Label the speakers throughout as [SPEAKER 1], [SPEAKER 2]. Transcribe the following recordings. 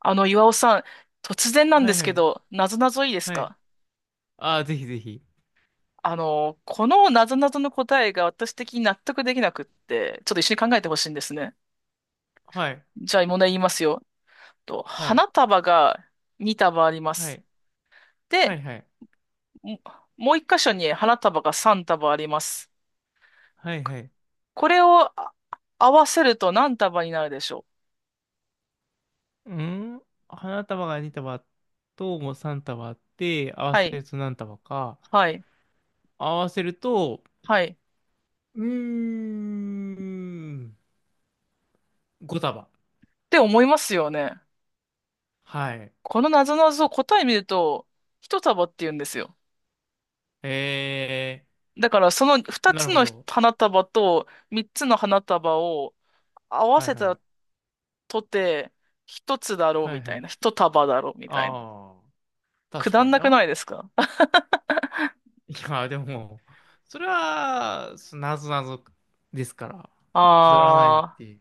[SPEAKER 1] 岩尾さん、突然なん
[SPEAKER 2] は
[SPEAKER 1] で
[SPEAKER 2] い
[SPEAKER 1] す
[SPEAKER 2] は
[SPEAKER 1] け
[SPEAKER 2] い。
[SPEAKER 1] ど、なぞなぞいいです
[SPEAKER 2] はい。
[SPEAKER 1] か？
[SPEAKER 2] ああ、ぜひぜひ。
[SPEAKER 1] このなぞなぞの答えが私的に納得できなくって、ちょっと一緒に考えてほしいんですね。
[SPEAKER 2] はい。
[SPEAKER 1] じゃあ、問題言いますよ。
[SPEAKER 2] はい。
[SPEAKER 1] 花束が2束ありま
[SPEAKER 2] は
[SPEAKER 1] す。
[SPEAKER 2] い。は
[SPEAKER 1] で、
[SPEAKER 2] い。はい。
[SPEAKER 1] ももう1箇所に花束が3束あります。
[SPEAKER 2] はい。はい。
[SPEAKER 1] これを合わせると何束になるでしょう？
[SPEAKER 2] うん。花束が2束ともう3束あって、合わ
[SPEAKER 1] は
[SPEAKER 2] せ
[SPEAKER 1] い、
[SPEAKER 2] ると何束か。
[SPEAKER 1] はい、
[SPEAKER 2] 合わせると、
[SPEAKER 1] はい。っ
[SPEAKER 2] うーん。5束。
[SPEAKER 1] て思いますよね。
[SPEAKER 2] はい。
[SPEAKER 1] このなぞなぞ答え見ると、1束って言うんですよ。
[SPEAKER 2] え
[SPEAKER 1] だからその
[SPEAKER 2] ー、
[SPEAKER 1] 2
[SPEAKER 2] なる
[SPEAKER 1] つ
[SPEAKER 2] ほ
[SPEAKER 1] の
[SPEAKER 2] ど。
[SPEAKER 1] 花束と3つの花束を合わ
[SPEAKER 2] はい
[SPEAKER 1] せ
[SPEAKER 2] は
[SPEAKER 1] た
[SPEAKER 2] い。
[SPEAKER 1] とて1つだろう
[SPEAKER 2] は
[SPEAKER 1] み
[SPEAKER 2] いは
[SPEAKER 1] たい
[SPEAKER 2] い。
[SPEAKER 1] な、1束だろうみたいな。
[SPEAKER 2] ああ、
[SPEAKER 1] く
[SPEAKER 2] 確
[SPEAKER 1] だ
[SPEAKER 2] か
[SPEAKER 1] ん
[SPEAKER 2] に
[SPEAKER 1] なく
[SPEAKER 2] な。
[SPEAKER 1] ないですか？
[SPEAKER 2] いや、でも、それは、なぞなぞですから、くだらないっ
[SPEAKER 1] ああ、
[SPEAKER 2] て。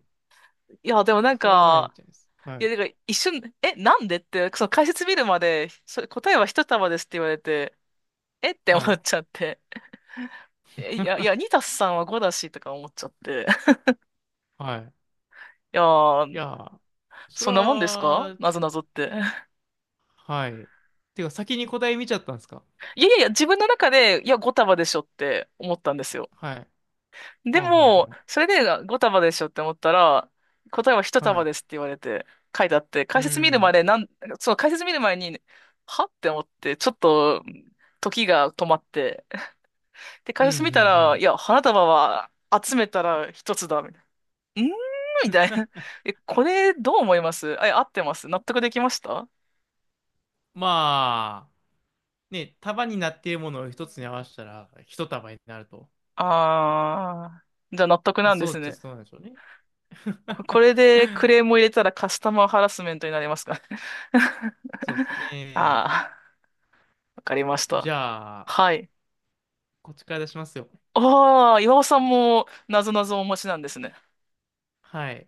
[SPEAKER 1] いや、でもなん
[SPEAKER 2] くだらない
[SPEAKER 1] か、
[SPEAKER 2] じゃないですかは
[SPEAKER 1] いや、
[SPEAKER 2] い。
[SPEAKER 1] なんか一瞬、え、なんでって、その解説見るまで、それ答えは一束ですって言われて、えって思
[SPEAKER 2] はい。
[SPEAKER 1] っちゃって、え、いや、い や、2たす3は5だしとか思っちゃって、
[SPEAKER 2] はい。
[SPEAKER 1] いや
[SPEAKER 2] い
[SPEAKER 1] ー、
[SPEAKER 2] や、そ
[SPEAKER 1] そ
[SPEAKER 2] れ
[SPEAKER 1] んなもんですか
[SPEAKER 2] は、
[SPEAKER 1] なぞなぞって。
[SPEAKER 2] はい。てか、先に答え見ちゃったんですか？
[SPEAKER 1] いやいやいや、自分の中で、いや、5束でしょって思ったんですよ。
[SPEAKER 2] はい。う
[SPEAKER 1] で
[SPEAKER 2] ん、
[SPEAKER 1] も、
[SPEAKER 2] うん、
[SPEAKER 1] それで5束でしょって思ったら、答えは1
[SPEAKER 2] うん。は
[SPEAKER 1] 束ですっ
[SPEAKER 2] い。
[SPEAKER 1] て言われて、書いてあって、
[SPEAKER 2] う
[SPEAKER 1] 解説見るま
[SPEAKER 2] ん、
[SPEAKER 1] で、そう、解説見る前に、はって思って、ちょっと、時が止まって。で、
[SPEAKER 2] うん、
[SPEAKER 1] 解
[SPEAKER 2] うん、う
[SPEAKER 1] 説見たら、い
[SPEAKER 2] ん。
[SPEAKER 1] や、花束は集めたら1つだ、みたいな。みたいな。え、これ、どう思います？あ、いや合ってます？納得できました？
[SPEAKER 2] まあ、ね、束になっているものを一つに合わせたら、一束になると。
[SPEAKER 1] あー、じゃあ納得
[SPEAKER 2] まあ、
[SPEAKER 1] なんで
[SPEAKER 2] そう
[SPEAKER 1] す
[SPEAKER 2] っちゃ
[SPEAKER 1] ね。
[SPEAKER 2] そうなんでしょうね。
[SPEAKER 1] これでクレ ームを入れたらカスタマーハラスメントになりますか？
[SPEAKER 2] そうですね。
[SPEAKER 1] あー、わかりまし
[SPEAKER 2] じ
[SPEAKER 1] た。
[SPEAKER 2] ゃあ、
[SPEAKER 1] はい。
[SPEAKER 2] こっちから出しますよ。
[SPEAKER 1] ああ、岩尾さんも、なぞなぞお持ちなんですね。わ
[SPEAKER 2] はい。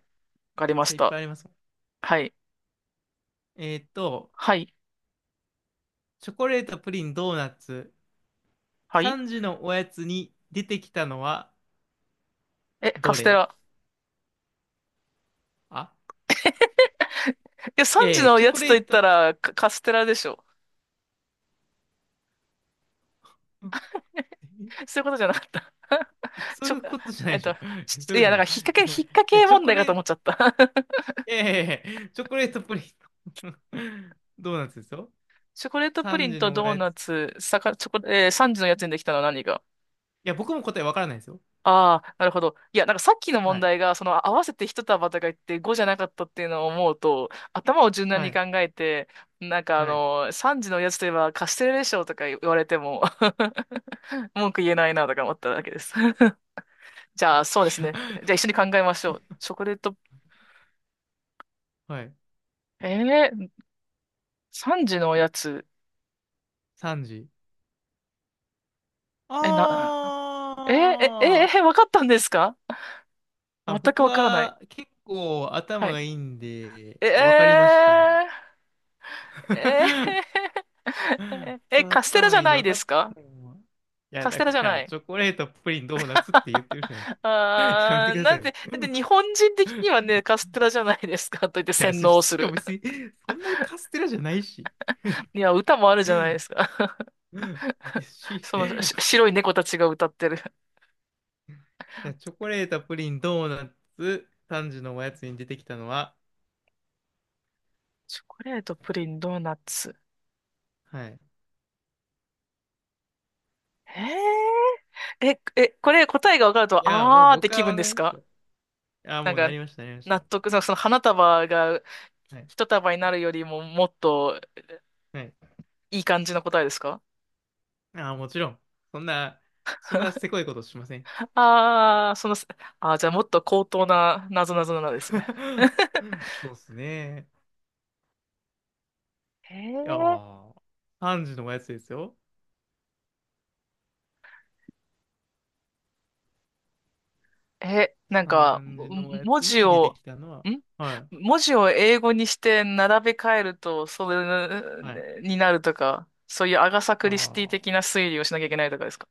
[SPEAKER 1] かりま
[SPEAKER 2] そ
[SPEAKER 1] し
[SPEAKER 2] れいっ
[SPEAKER 1] た。
[SPEAKER 2] ぱいありますもん。
[SPEAKER 1] はい。
[SPEAKER 2] えーっと、
[SPEAKER 1] はい。
[SPEAKER 2] チョコレート、プリン、ドーナツ、
[SPEAKER 1] はい。
[SPEAKER 2] 3時のおやつに出てきたのは
[SPEAKER 1] え、カ
[SPEAKER 2] ど
[SPEAKER 1] ステ
[SPEAKER 2] れ？
[SPEAKER 1] ラ。
[SPEAKER 2] あ、
[SPEAKER 1] いや、
[SPEAKER 2] いや
[SPEAKER 1] 3時
[SPEAKER 2] いや、
[SPEAKER 1] の
[SPEAKER 2] チョ
[SPEAKER 1] や
[SPEAKER 2] コ
[SPEAKER 1] つと
[SPEAKER 2] レ
[SPEAKER 1] 言っ
[SPEAKER 2] ート、
[SPEAKER 1] たら、カステラでしょ。そういうことじゃなかった。
[SPEAKER 2] いや そ
[SPEAKER 1] ち
[SPEAKER 2] うい
[SPEAKER 1] ょ、
[SPEAKER 2] うことじゃな
[SPEAKER 1] え
[SPEAKER 2] い
[SPEAKER 1] っ
[SPEAKER 2] でしょ。
[SPEAKER 1] と、
[SPEAKER 2] そうい
[SPEAKER 1] い
[SPEAKER 2] う
[SPEAKER 1] や、
[SPEAKER 2] ことじゃ
[SPEAKER 1] な
[SPEAKER 2] な
[SPEAKER 1] んか、
[SPEAKER 2] いでしょ。いや、い
[SPEAKER 1] 引っ掛
[SPEAKER 2] や
[SPEAKER 1] け
[SPEAKER 2] チョ
[SPEAKER 1] 問
[SPEAKER 2] コ
[SPEAKER 1] 題か
[SPEAKER 2] レ
[SPEAKER 1] と
[SPEAKER 2] ー
[SPEAKER 1] 思っちゃ
[SPEAKER 2] ト、
[SPEAKER 1] った。
[SPEAKER 2] いやいやいやチョコレートプリント ドーナツですよ。
[SPEAKER 1] チョコレートプリ
[SPEAKER 2] 3
[SPEAKER 1] ン
[SPEAKER 2] 時
[SPEAKER 1] と
[SPEAKER 2] のお
[SPEAKER 1] ドー
[SPEAKER 2] やつ。
[SPEAKER 1] ナ
[SPEAKER 2] い
[SPEAKER 1] ツ、さか、チョコ、えー、時のやつにできたのは何が？
[SPEAKER 2] や、僕も答えわからないですよ。
[SPEAKER 1] ああ、なるほど。いや、なんかさっきの
[SPEAKER 2] は
[SPEAKER 1] 問
[SPEAKER 2] い。
[SPEAKER 1] 題が、その合わせて一束とか言って5じゃなかったっていうのを思うと、頭を柔軟
[SPEAKER 2] は
[SPEAKER 1] に考
[SPEAKER 2] い。
[SPEAKER 1] えて、あ
[SPEAKER 2] はい。
[SPEAKER 1] の、3時のおやつといえばカステラでしょとか言われても 文句言えないなとか思っただけです。じゃあ、そうですね。じゃあ一 緒に考えましょう。チョコレート、
[SPEAKER 2] はい。
[SPEAKER 1] えー、3時のおやつ、
[SPEAKER 2] 3時。あ
[SPEAKER 1] え、な、えー、え、えー、
[SPEAKER 2] ー
[SPEAKER 1] えー、わかったんですか？
[SPEAKER 2] あ、
[SPEAKER 1] 全く
[SPEAKER 2] 僕
[SPEAKER 1] わからない。
[SPEAKER 2] は結構
[SPEAKER 1] は
[SPEAKER 2] 頭
[SPEAKER 1] い。
[SPEAKER 2] がいいんで、
[SPEAKER 1] え
[SPEAKER 2] わかりま
[SPEAKER 1] ー、
[SPEAKER 2] したね。
[SPEAKER 1] え
[SPEAKER 2] 僕
[SPEAKER 1] え、
[SPEAKER 2] は
[SPEAKER 1] カステラじ
[SPEAKER 2] 頭
[SPEAKER 1] ゃ
[SPEAKER 2] いいん
[SPEAKER 1] な
[SPEAKER 2] で
[SPEAKER 1] い
[SPEAKER 2] 分か
[SPEAKER 1] です
[SPEAKER 2] っ
[SPEAKER 1] か？
[SPEAKER 2] たよ。もういや、
[SPEAKER 1] カス
[SPEAKER 2] だ
[SPEAKER 1] テラじ
[SPEAKER 2] か
[SPEAKER 1] ゃな
[SPEAKER 2] ら、
[SPEAKER 1] い。
[SPEAKER 2] チョコレート、プリン、ドーナツって言ってるじゃない ですか。やめ
[SPEAKER 1] あ
[SPEAKER 2] てく
[SPEAKER 1] ー、
[SPEAKER 2] だ
[SPEAKER 1] な
[SPEAKER 2] さ
[SPEAKER 1] ん
[SPEAKER 2] い
[SPEAKER 1] で、
[SPEAKER 2] ね。
[SPEAKER 1] だって日本人的にはね、カステラじゃないですかと言って
[SPEAKER 2] いや、
[SPEAKER 1] 洗脳す
[SPEAKER 2] しかも
[SPEAKER 1] る。
[SPEAKER 2] 別に、そんなにカステラじゃないし。
[SPEAKER 1] いや、歌もあるじゃないです
[SPEAKER 2] い
[SPEAKER 1] か。
[SPEAKER 2] や、
[SPEAKER 1] その
[SPEAKER 2] い
[SPEAKER 1] し白い猫たちが歌ってる。
[SPEAKER 2] や、チョコレート、プリン、ドーナツ、単純のおやつに出てきたのは、
[SPEAKER 1] チョコレート、プリン、ドーナツ。
[SPEAKER 2] はい。
[SPEAKER 1] へえ。え、え、これ答えが分かる
[SPEAKER 2] い
[SPEAKER 1] と、
[SPEAKER 2] や、もう
[SPEAKER 1] あーって
[SPEAKER 2] 僕
[SPEAKER 1] 気
[SPEAKER 2] は
[SPEAKER 1] 分
[SPEAKER 2] 分
[SPEAKER 1] で
[SPEAKER 2] かり
[SPEAKER 1] す
[SPEAKER 2] ました。
[SPEAKER 1] か？
[SPEAKER 2] いや、
[SPEAKER 1] なん
[SPEAKER 2] もうな
[SPEAKER 1] か、
[SPEAKER 2] りました、なりました。
[SPEAKER 1] 納得、その花束が
[SPEAKER 2] はい。
[SPEAKER 1] 一束になるよりももっと
[SPEAKER 2] はい。
[SPEAKER 1] いい感じの答えですか？
[SPEAKER 2] あ、もちろん。そんな、そんなせこいことしません。
[SPEAKER 1] ああー、あー、じゃあもっと高等な謎々なんですね。
[SPEAKER 2] そうっすね。
[SPEAKER 1] へ
[SPEAKER 2] いや
[SPEAKER 1] え。
[SPEAKER 2] ー、3時のおやつですよ。
[SPEAKER 1] え、なんか、
[SPEAKER 2] 3時のおや
[SPEAKER 1] 文
[SPEAKER 2] つ
[SPEAKER 1] 字
[SPEAKER 2] に出て
[SPEAKER 1] を、
[SPEAKER 2] きたのは、
[SPEAKER 1] ん
[SPEAKER 2] は
[SPEAKER 1] 文字を英語にして並べ替えると、それ
[SPEAKER 2] い、はい。
[SPEAKER 1] になるとか、そういうアガサ・クリスティ
[SPEAKER 2] ああ、
[SPEAKER 1] 的な推理をしなきゃいけないとかですか？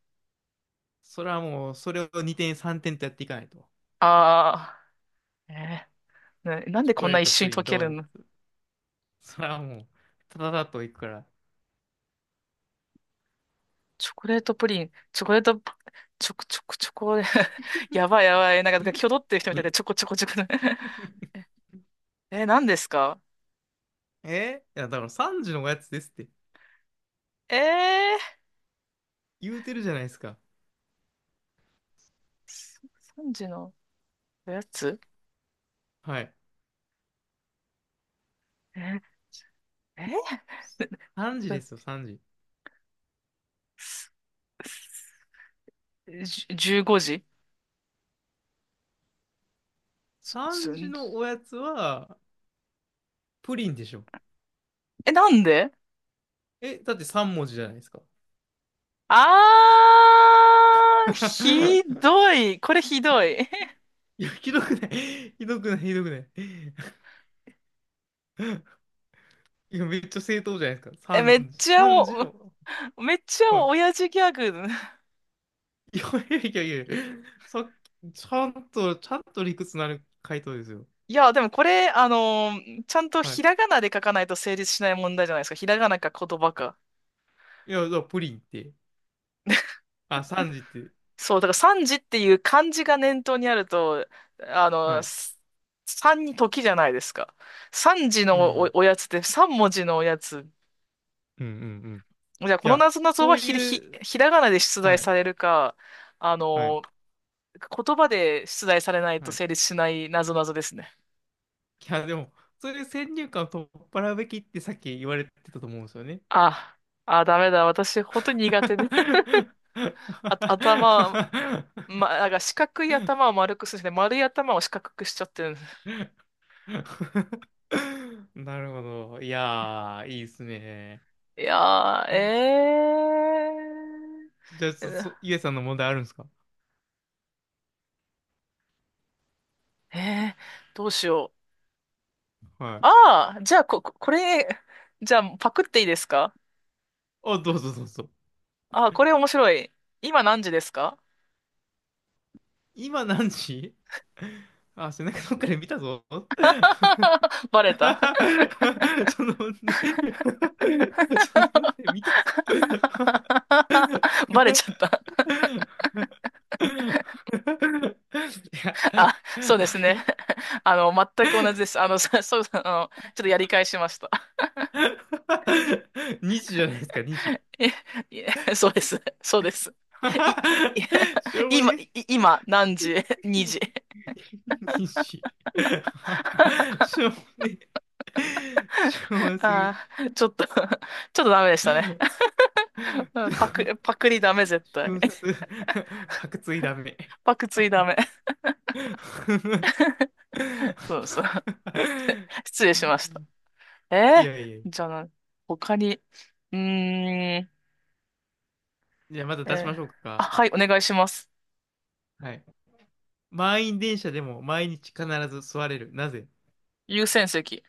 [SPEAKER 2] それはもう、それを2点3点とやっていかないと。
[SPEAKER 1] ああー、なんで
[SPEAKER 2] チョ
[SPEAKER 1] こ
[SPEAKER 2] コ
[SPEAKER 1] ん
[SPEAKER 2] レ
[SPEAKER 1] な
[SPEAKER 2] ー
[SPEAKER 1] 一
[SPEAKER 2] ト、
[SPEAKER 1] 瞬
[SPEAKER 2] プ
[SPEAKER 1] に
[SPEAKER 2] リ
[SPEAKER 1] 溶
[SPEAKER 2] ン、
[SPEAKER 1] け
[SPEAKER 2] ドー
[SPEAKER 1] る
[SPEAKER 2] ナ
[SPEAKER 1] の？
[SPEAKER 2] ツ。それはもう、ただだといくから。
[SPEAKER 1] チョコレートプリン、チョコレート、チョコチョコチョコ、やばいやばい、なんか、キョドってる人みたいで、チョコ チョコチョコ。え、何ですか？
[SPEAKER 2] いや、だから3時のおやつですって
[SPEAKER 1] ええ
[SPEAKER 2] 言うてるじゃないですか。
[SPEAKER 1] ー、3時のおやつ、
[SPEAKER 2] はい。
[SPEAKER 1] え、え
[SPEAKER 2] 3時で
[SPEAKER 1] ー、
[SPEAKER 2] すよ、3時。
[SPEAKER 1] じゅ15時すす
[SPEAKER 2] 3時のおやつは、プリンでしょ。
[SPEAKER 1] え、なんで？
[SPEAKER 2] え、だって3文字じゃないですか。
[SPEAKER 1] あー、ひ どい。これひどい。
[SPEAKER 2] いや、ひどくない。ひどくない、ひどくない。いや、めっちゃ正当じゃないですか。
[SPEAKER 1] え、めっ
[SPEAKER 2] 三時、
[SPEAKER 1] ちゃ
[SPEAKER 2] 3時
[SPEAKER 1] お、
[SPEAKER 2] の。
[SPEAKER 1] めっちゃ
[SPEAKER 2] は
[SPEAKER 1] 親父ギャグ。
[SPEAKER 2] い。いやいやいやいや、さっき、ちゃんと、ちゃんと理屈のある回答ですよ。
[SPEAKER 1] いや、でもこれ、あのーちゃんと
[SPEAKER 2] は
[SPEAKER 1] ひ
[SPEAKER 2] い。
[SPEAKER 1] らがなで書かないと成立しない問題じゃないですか。ひらがなか言葉か。
[SPEAKER 2] いや、だからプリンって、あ、三時って、
[SPEAKER 1] そう、だから三時っていう漢字が念頭にあると、あ
[SPEAKER 2] は
[SPEAKER 1] の、
[SPEAKER 2] い。
[SPEAKER 1] す三に時じゃないですか。三時
[SPEAKER 2] う
[SPEAKER 1] のお、
[SPEAKER 2] ん。
[SPEAKER 1] おやつって三文字のおやつ。
[SPEAKER 2] うんうんうん。
[SPEAKER 1] じゃあ、
[SPEAKER 2] い
[SPEAKER 1] この
[SPEAKER 2] や、
[SPEAKER 1] なぞなぞ
[SPEAKER 2] そう
[SPEAKER 1] は
[SPEAKER 2] いう、
[SPEAKER 1] ひらがなで出題
[SPEAKER 2] はい、
[SPEAKER 1] されるか、あ
[SPEAKER 2] はい、
[SPEAKER 1] の、言葉で出題されないと
[SPEAKER 2] はい。
[SPEAKER 1] 成
[SPEAKER 2] い
[SPEAKER 1] 立しないなぞなぞですね。
[SPEAKER 2] や、でも、そういう先入観を取っ払うべきってさっき言われてたと思うんですよね。
[SPEAKER 1] あ、あ、ダメだ。私、本当に苦手で、あ、頭、なんか四角い頭を丸くするんで丸い頭を四角くしちゃってるんです。
[SPEAKER 2] なるほど。いやー、いいっすね。
[SPEAKER 1] いやー、え
[SPEAKER 2] じゃあ、そ
[SPEAKER 1] ー。
[SPEAKER 2] イエさんの問題あるんですか？
[SPEAKER 1] ええ、どうしよう。
[SPEAKER 2] はい。
[SPEAKER 1] ああ、じゃあ、これ、じゃあ、パクっていいですか？
[SPEAKER 2] あ、どうぞどうぞ。
[SPEAKER 1] ああ、これ面白い。今何時ですか？
[SPEAKER 2] 今何時？あ、背中どっかで見たぞ。
[SPEAKER 1] バレた。
[SPEAKER 2] その問 その問見たぞ。
[SPEAKER 1] バレちゃった。
[SPEAKER 2] いや、
[SPEAKER 1] あ、そうです
[SPEAKER 2] あ
[SPEAKER 1] ね。
[SPEAKER 2] れ
[SPEAKER 1] あの、全く同じです。ちょっとやり返しました。
[SPEAKER 2] 2 時じゃないですか、2時。
[SPEAKER 1] いえ、いえ、そうです。そうです。い、い
[SPEAKER 2] しょうも
[SPEAKER 1] 今、
[SPEAKER 2] ね。
[SPEAKER 1] い今、何時？ 2 時。
[SPEAKER 2] 西。しょうもねえ。しょうもなすぎる。
[SPEAKER 1] ああ、ちょっとダメでしたね。うんパク、パクリダメ、絶対。
[SPEAKER 2] 瞬殺。パクついダメ。
[SPEAKER 1] パクついダメ。そうそう。失礼
[SPEAKER 2] ひ
[SPEAKER 1] し
[SPEAKER 2] で
[SPEAKER 1] まし
[SPEAKER 2] え
[SPEAKER 1] た。
[SPEAKER 2] な。い
[SPEAKER 1] え
[SPEAKER 2] やいやいや。
[SPEAKER 1] ー、じゃあな、他に、うーん、え
[SPEAKER 2] じゃあまた出し
[SPEAKER 1] ー、
[SPEAKER 2] ましょう
[SPEAKER 1] あ、
[SPEAKER 2] か。
[SPEAKER 1] はい、お願いします。
[SPEAKER 2] はい。満員電車でも毎日必ず座れる。なぜ？
[SPEAKER 1] 優先席。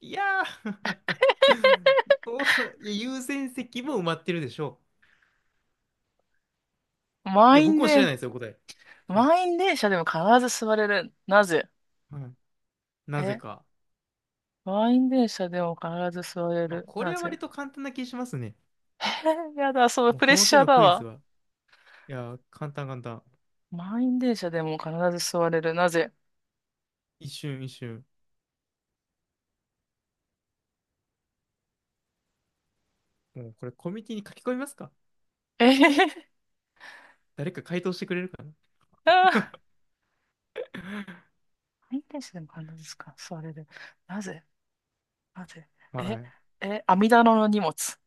[SPEAKER 2] いやー そういや優先席も埋まってるでしょう。いや、
[SPEAKER 1] 満
[SPEAKER 2] 僕
[SPEAKER 1] 員
[SPEAKER 2] も知らな
[SPEAKER 1] で、
[SPEAKER 2] いですよ、答え。はい。
[SPEAKER 1] 満員電車でも必ず座れる。なぜ？
[SPEAKER 2] はい。なぜ
[SPEAKER 1] え、
[SPEAKER 2] か。
[SPEAKER 1] 満員電車でも必ず座れ
[SPEAKER 2] まあ、
[SPEAKER 1] る。
[SPEAKER 2] こ
[SPEAKER 1] な
[SPEAKER 2] れは
[SPEAKER 1] ぜ？
[SPEAKER 2] 割と簡単な気しますね。
[SPEAKER 1] えー、やだ、そう、
[SPEAKER 2] もう
[SPEAKER 1] プレ
[SPEAKER 2] こ
[SPEAKER 1] ッ
[SPEAKER 2] の
[SPEAKER 1] シ
[SPEAKER 2] 手
[SPEAKER 1] ャー
[SPEAKER 2] の
[SPEAKER 1] だ
[SPEAKER 2] クイズ
[SPEAKER 1] わ。
[SPEAKER 2] は、いやー、簡単簡単。
[SPEAKER 1] 満員電車でも必ず座れる。なぜ？
[SPEAKER 2] 一瞬一瞬。もうこれコミュニティに書き込みますか？
[SPEAKER 1] えへへへ、
[SPEAKER 2] 誰か回答してくれるか
[SPEAKER 1] あー、満員電車でも必ず座れる。なぜ？なぜ？
[SPEAKER 2] な。
[SPEAKER 1] え、
[SPEAKER 2] はい。
[SPEAKER 1] え、網棚の荷物。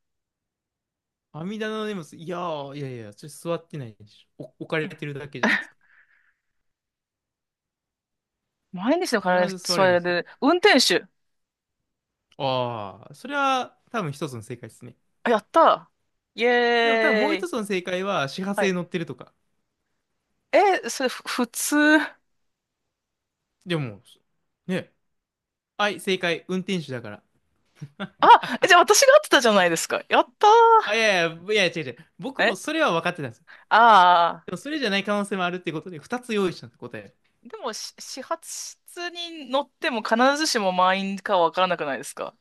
[SPEAKER 2] 阿弥陀の念仏、いやー、いやいや、それ座ってないでしょ。お置か
[SPEAKER 1] い
[SPEAKER 2] れ
[SPEAKER 1] や
[SPEAKER 2] てるだけじゃないですか。
[SPEAKER 1] 毎日の体
[SPEAKER 2] 必
[SPEAKER 1] に
[SPEAKER 2] ず座
[SPEAKER 1] そ
[SPEAKER 2] れるん
[SPEAKER 1] れ
[SPEAKER 2] ですよ。
[SPEAKER 1] で、運転手。
[SPEAKER 2] ああ、それは多分一つの正解ですね。
[SPEAKER 1] あ、やったー、イ
[SPEAKER 2] でも多分もう
[SPEAKER 1] エー
[SPEAKER 2] 一
[SPEAKER 1] イ。
[SPEAKER 2] つの正解は始発
[SPEAKER 1] は
[SPEAKER 2] で
[SPEAKER 1] い。
[SPEAKER 2] 乗ってるとか。
[SPEAKER 1] え、それ、普通。
[SPEAKER 2] でも、ね。はい、正解。運転手だから。
[SPEAKER 1] あ、え、じゃあ私が合ってたじゃないですか。やった
[SPEAKER 2] あ、い
[SPEAKER 1] ー。
[SPEAKER 2] やいや、いや違う違う。僕も
[SPEAKER 1] え、
[SPEAKER 2] それは分かってたんです。
[SPEAKER 1] ああ
[SPEAKER 2] でもそれじゃない可能性もあるってことで、2つ用意したって答え。
[SPEAKER 1] ー。でも、始発室に乗っても必ずしも満員かわからなくないですか？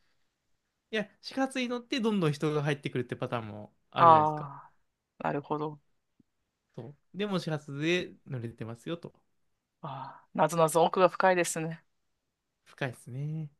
[SPEAKER 2] いや、始発に乗ってどんどん人が入ってくるってパターンもあるじゃないですか。
[SPEAKER 1] ああー。なるほど。
[SPEAKER 2] そう。でも始発で乗れてますよと。
[SPEAKER 1] ああ。なぞなぞ奥が深いですね。
[SPEAKER 2] 深いですね。